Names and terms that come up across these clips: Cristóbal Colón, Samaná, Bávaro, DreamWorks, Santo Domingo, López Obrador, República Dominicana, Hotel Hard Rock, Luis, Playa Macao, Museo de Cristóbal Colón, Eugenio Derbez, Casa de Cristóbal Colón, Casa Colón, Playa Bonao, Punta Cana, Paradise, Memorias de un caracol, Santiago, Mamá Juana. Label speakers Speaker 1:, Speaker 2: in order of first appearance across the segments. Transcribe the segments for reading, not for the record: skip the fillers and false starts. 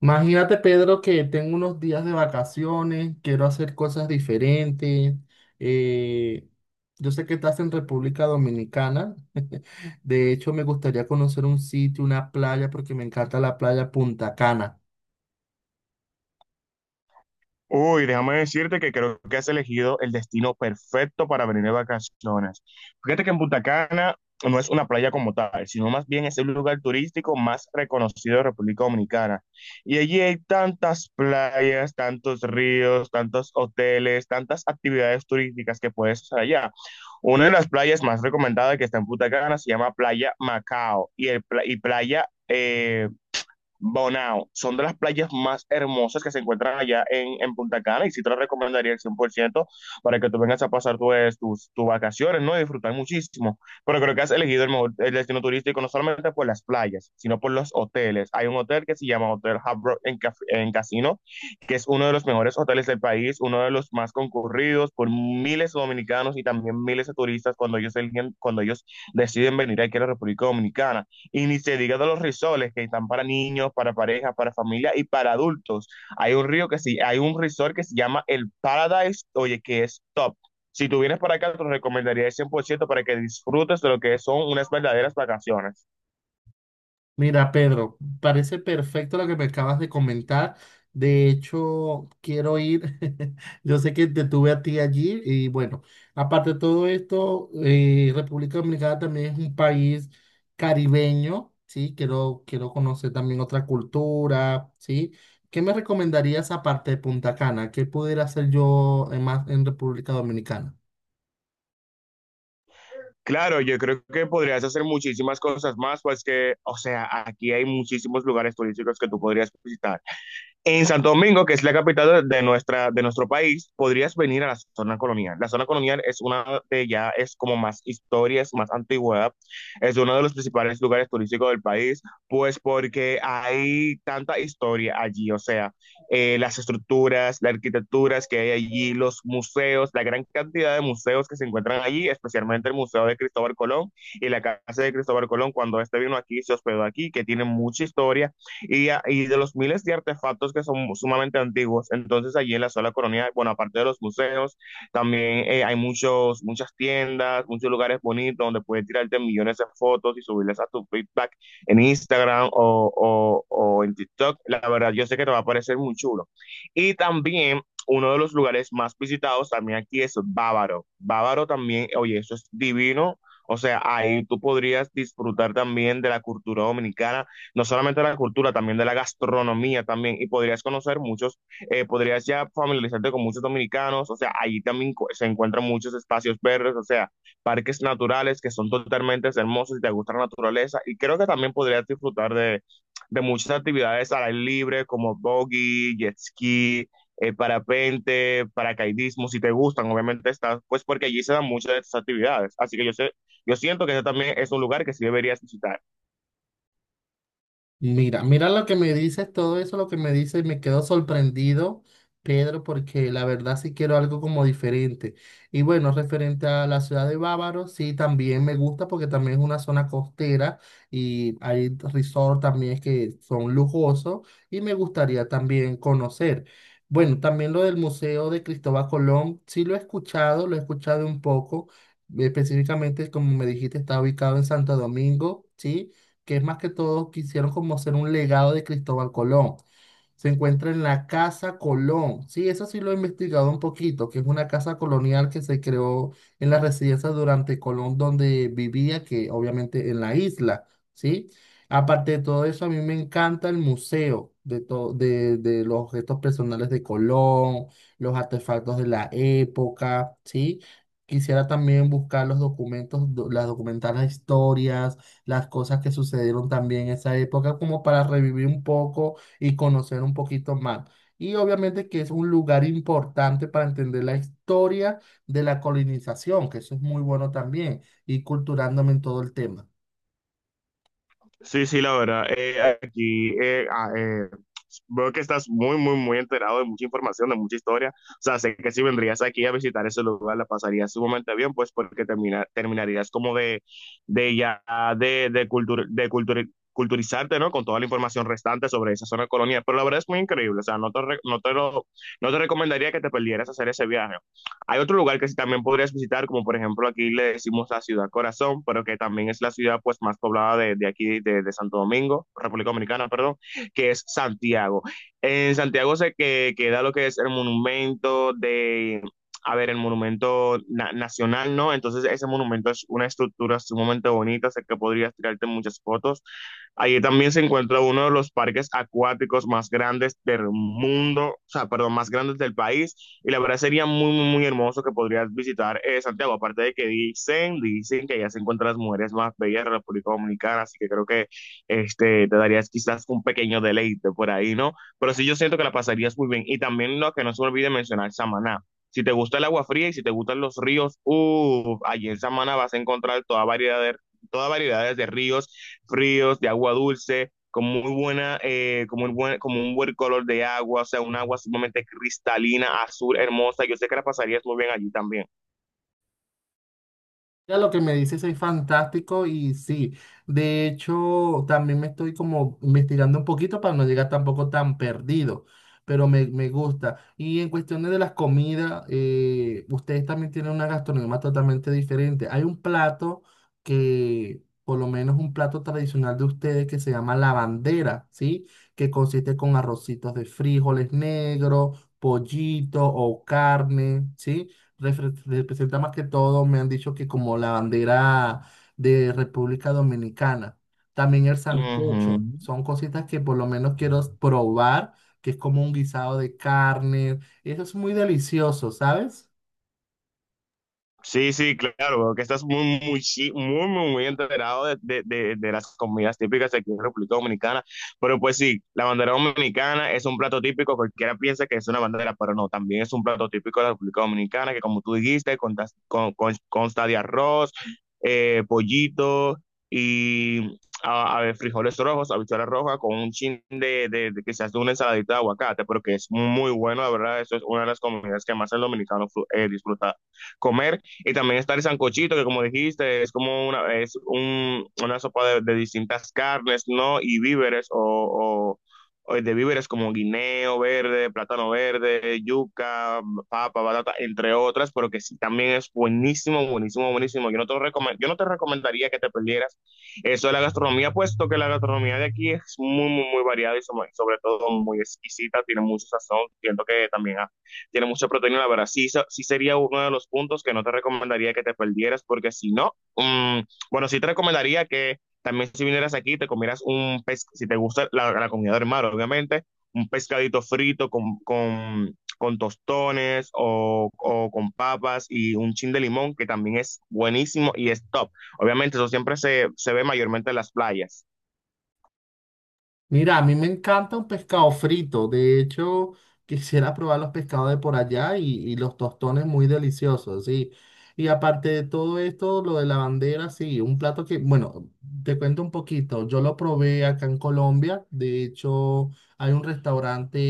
Speaker 1: Imagínate, Pedro, que tengo unos días de vacaciones, quiero hacer cosas diferentes. eh, yo sé que estás en República Dominicana. De hecho, me gustaría conocer un sitio, una playa, porque me encanta la playa Punta Cana.
Speaker 2: Uy, déjame decirte que creo que has elegido el destino perfecto para venir de vacaciones. Fíjate que en Punta Cana no es una playa como tal, sino más bien es el lugar turístico más reconocido de República Dominicana. Y allí hay tantas playas, tantos ríos, tantos hoteles, tantas actividades turísticas que puedes hacer allá. Una de las playas más recomendadas que está en Punta Cana se llama Playa Macao y, y Playa Bonao, son de las playas más hermosas que se encuentran allá en Punta Cana y sí te lo recomendaría el 100% para que tú vengas a pasar tus vacaciones, ¿no? Y disfrutar muchísimo. Pero creo que has elegido el mejor el destino turístico no solamente por las playas, sino por los hoteles. Hay un hotel que se llama Hotel Hard Rock en Casino, que es uno de los mejores hoteles del país, uno de los más concurridos por miles de dominicanos y también miles de turistas cuando ellos deciden venir aquí a la República Dominicana. Y ni se diga de los resorts que están para niños, para parejas, para familia y para adultos. Hay un resort que se llama el Paradise, oye, que es top. Si tú vienes para acá, te lo recomendaría el 100% para que disfrutes de lo que son unas verdaderas vacaciones.
Speaker 1: Mira, Pedro, parece perfecto lo que me acabas de comentar. De hecho, quiero ir. Yo sé que te tuve a ti allí y bueno, aparte de todo esto, República Dominicana también es un país caribeño, ¿sí? Quiero conocer también otra cultura, ¿sí? ¿Qué me recomendarías aparte de Punta Cana? ¿Qué pudiera hacer yo más en República Dominicana?
Speaker 2: Claro, yo creo que podrías hacer muchísimas cosas más, pues que, o sea, aquí hay muchísimos lugares turísticos que tú podrías visitar. En Santo Domingo, que es la capital de de nuestro país, podrías venir a la zona colonial. La zona colonial es una de ya, es como más historia, es más antigüedad, es uno de los principales lugares turísticos del país, pues porque hay tanta historia allí, o sea, las estructuras, las arquitecturas que hay allí, los museos, la gran cantidad de museos que se encuentran allí, especialmente el Museo de Cristóbal Colón y la Casa de Cristóbal Colón, cuando este vino aquí, se hospedó aquí, que tiene mucha historia y de los miles de artefactos que son sumamente antiguos. Entonces allí en la zona colonial, bueno, aparte de los museos, también hay muchas tiendas, muchos lugares bonitos donde puedes tirarte millones de fotos y subirlas a tu feedback en Instagram o en TikTok. La verdad, yo sé que te va a parecer muy chulo. Y también uno de los lugares más visitados también aquí es Bávaro. Bávaro también, oye, eso es divino. O sea, ahí tú podrías disfrutar también de la cultura dominicana, no solamente de la cultura, también de la gastronomía también, y podrías conocer muchos, podrías ya familiarizarte con muchos dominicanos, o sea, se encuentran muchos espacios verdes, o sea, parques naturales que son totalmente hermosos y te gusta la naturaleza, y creo que también podrías disfrutar de muchas actividades al aire libre, como buggy, jet ski, parapente, paracaidismo, si te gustan, obviamente estás, pues porque allí se dan muchas de estas actividades. Así que yo sé, yo siento que ese también es un lugar que sí deberías visitar.
Speaker 1: Mira lo que me dices, todo eso lo que me dices, me quedo sorprendido, Pedro, porque la verdad sí quiero algo como diferente. Y bueno, referente a la ciudad de Bávaro, sí, también me gusta porque también es una zona costera y hay resort también que son lujosos y me gustaría también conocer. Bueno, también lo del Museo de Cristóbal Colón, sí lo he escuchado un poco, específicamente como me dijiste, está ubicado en Santo Domingo, ¿sí? Que es más que todo quisieron como ser un legado de Cristóbal Colón. Se encuentra en la Casa Colón. Sí, eso sí lo he investigado un poquito, que es una casa colonial que se creó en las residencias durante Colón, donde vivía, que obviamente en la isla, ¿sí? Aparte de todo eso, a mí me encanta el museo de, de los objetos personales de Colón, los artefactos de la época, ¿sí? Quisiera también buscar los documentos, las documentales historias, las cosas que sucedieron también en esa época, como para revivir un poco y conocer un poquito más. Y obviamente que es un lugar importante para entender la historia de la colonización, que eso es muy bueno también, y culturándome en todo el tema.
Speaker 2: Sí, sí, la verdad. Veo que estás muy enterado de mucha información, de mucha historia. O sea, sé que si vendrías aquí a visitar ese lugar, la pasarías sumamente bien, pues porque terminarías como de ya, de cultura, culturizarte, ¿no? Con toda la información restante sobre esa zona colonial. Pero la verdad es muy increíble. O sea, no te recomendaría que te perdieras hacer ese viaje. Hay otro lugar que sí también podrías visitar, como por ejemplo aquí le decimos la ciudad Corazón, pero que también es la ciudad pues más poblada de aquí, Santo Domingo, República Dominicana, perdón, que es Santiago. En Santiago se que, queda lo que es el monumento de, a ver, el monumento na nacional, ¿no? Entonces ese monumento es una estructura sumamente bonita, sé que podrías tirarte muchas fotos. Allí también se encuentra uno de los parques acuáticos más grandes del mundo, o sea, perdón, más grandes del país. Y la verdad sería muy hermoso que podrías visitar Santiago. Aparte de que dicen, dicen que allá se encuentran las mujeres más bellas de la República Dominicana, así que creo que este, te darías quizás un pequeño deleite por ahí, ¿no? Pero sí, yo siento que la pasarías muy bien. Y también lo que no se me olvide mencionar, Samaná. Si te gusta el agua fría y si te gustan los ríos, uff, allí en Samaná vas a encontrar toda variedad de, toda variedades de ríos fríos, de agua dulce, con muy buena, como un buen color de agua, o sea, un agua sumamente cristalina, azul, hermosa. Yo sé que la pasarías muy bien allí también.
Speaker 1: Mira, lo que me dices es fantástico y sí, de hecho también me estoy como investigando un poquito para no llegar tampoco tan perdido, pero me gusta. Y en cuestiones de las comidas, ustedes también tienen una gastronomía totalmente diferente. Hay un plato que, por lo menos un plato tradicional de ustedes que se llama la bandera, ¿sí? Que consiste con arrocitos de frijoles negros, pollito o carne, ¿sí? Representa más que todo, me han dicho que como la bandera de República Dominicana. También el
Speaker 2: Ujú.
Speaker 1: sancocho. Son cositas que por lo menos quiero probar, que es como un guisado de carne. Eso es muy delicioso, ¿sabes?
Speaker 2: Sí, sí, claro, bro, que estás muy enterado de las comidas típicas de aquí en República Dominicana. Pero pues sí, la bandera dominicana es un plato típico, cualquiera piensa que es una bandera, pero no, también es un plato típico de la República Dominicana, que como tú dijiste, consta de arroz, pollito y a ver, frijoles rojos, habichuela roja, con un chin de quizás de una ensaladita de aguacate, pero que es muy bueno, la verdad, eso es una de las comidas que más el dominicano disfruta comer. Y también está el sancochito, que como dijiste, es como una, una sopa de distintas carnes, ¿no? Y víveres o- o de víveres como guineo verde, plátano verde, yuca, papa, batata, entre otras, pero que sí, también es buenísimo, buenísimo, buenísimo. Yo no te recomendaría que te perdieras eso de la gastronomía, puesto que la gastronomía de aquí es muy variada y sobre todo muy exquisita, tiene mucho sazón. Siento que también tiene mucha proteína, la verdad, sí, sí sería uno de los puntos que no te recomendaría que te perdieras, porque si no, bueno, sí te recomendaría que también si vinieras aquí te comieras un pez, si te gusta la comida del mar, obviamente, un pescadito frito con tostones con papas y un chin de limón, que también es buenísimo y es top. Obviamente eso siempre se ve mayormente en las playas.
Speaker 1: Mira, a mí me encanta un pescado frito. De hecho, quisiera probar los pescados de por allá y los tostones muy deliciosos, sí. Y aparte de todo esto, lo de la bandera, sí, un plato que, bueno, te cuento un poquito. Yo lo probé acá en Colombia. De hecho, hay un restaurante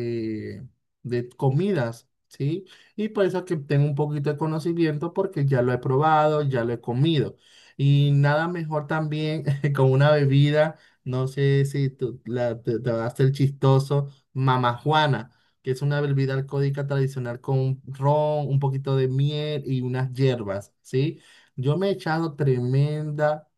Speaker 1: eh, de comidas, sí. Y por eso que tengo un poquito de conocimiento porque ya lo he probado, ya lo he comido. Y nada mejor también con una bebida. No sé si te va a hacer chistoso, Mamá Juana, que es una bebida alcohólica tradicional con ron, un poquito de miel y unas hierbas, ¿sí? Yo me he echado tremenda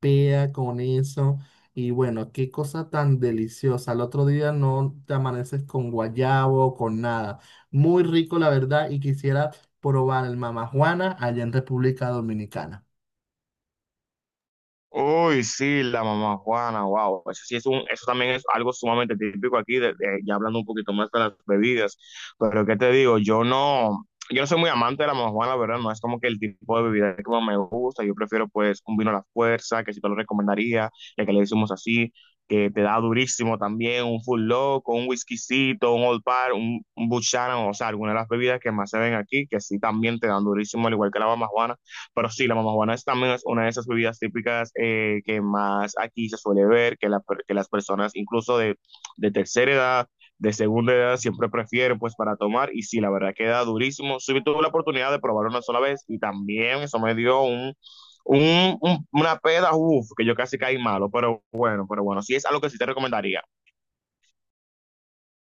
Speaker 1: pea con eso y bueno, qué cosa tan deliciosa. Al otro día no te amaneces con guayabo, con nada. Muy rico, la verdad, y quisiera probar el Mamá Juana allá en República Dominicana.
Speaker 2: Uy, sí, la mamá Juana, wow. Eso sí es un, eso también es algo sumamente típico aquí, ya hablando un poquito más de las bebidas. Pero qué te digo, yo no soy muy amante de la mamá Juana, la ¿verdad? No es como que el tipo de bebida que más me gusta. Yo prefiero pues un vino a la fuerza, que si te lo recomendaría, ya que le decimos así, que te da durísimo también, un full loco, un whiskycito, un old par, un Buchanan, o sea, algunas de las bebidas que más se ven aquí, que sí también te dan durísimo, al igual que la mamá Juana. Pero sí, la mamajuana es también es una de esas bebidas típicas que más aquí se suele ver, que las personas incluso de tercera edad, de segunda edad, siempre prefieren pues para tomar. Y sí, la verdad queda durísimo. Sí, tuve la oportunidad de probar una sola vez y también eso me dio una peda, uff, que yo casi caí malo. Pero bueno, sí es algo que sí te recomendaría.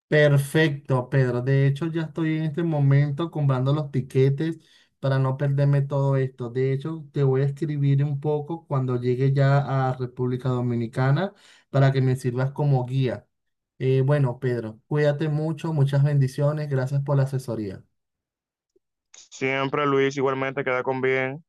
Speaker 1: Perfecto, Pedro. De hecho, ya estoy en este momento comprando los tiquetes para no perderme todo esto. De hecho, te voy a escribir un poco cuando llegue ya a República Dominicana para que me sirvas como guía. Bueno, Pedro, cuídate mucho, muchas bendiciones, gracias por la asesoría.
Speaker 2: Siempre, Luis, igualmente queda con bien.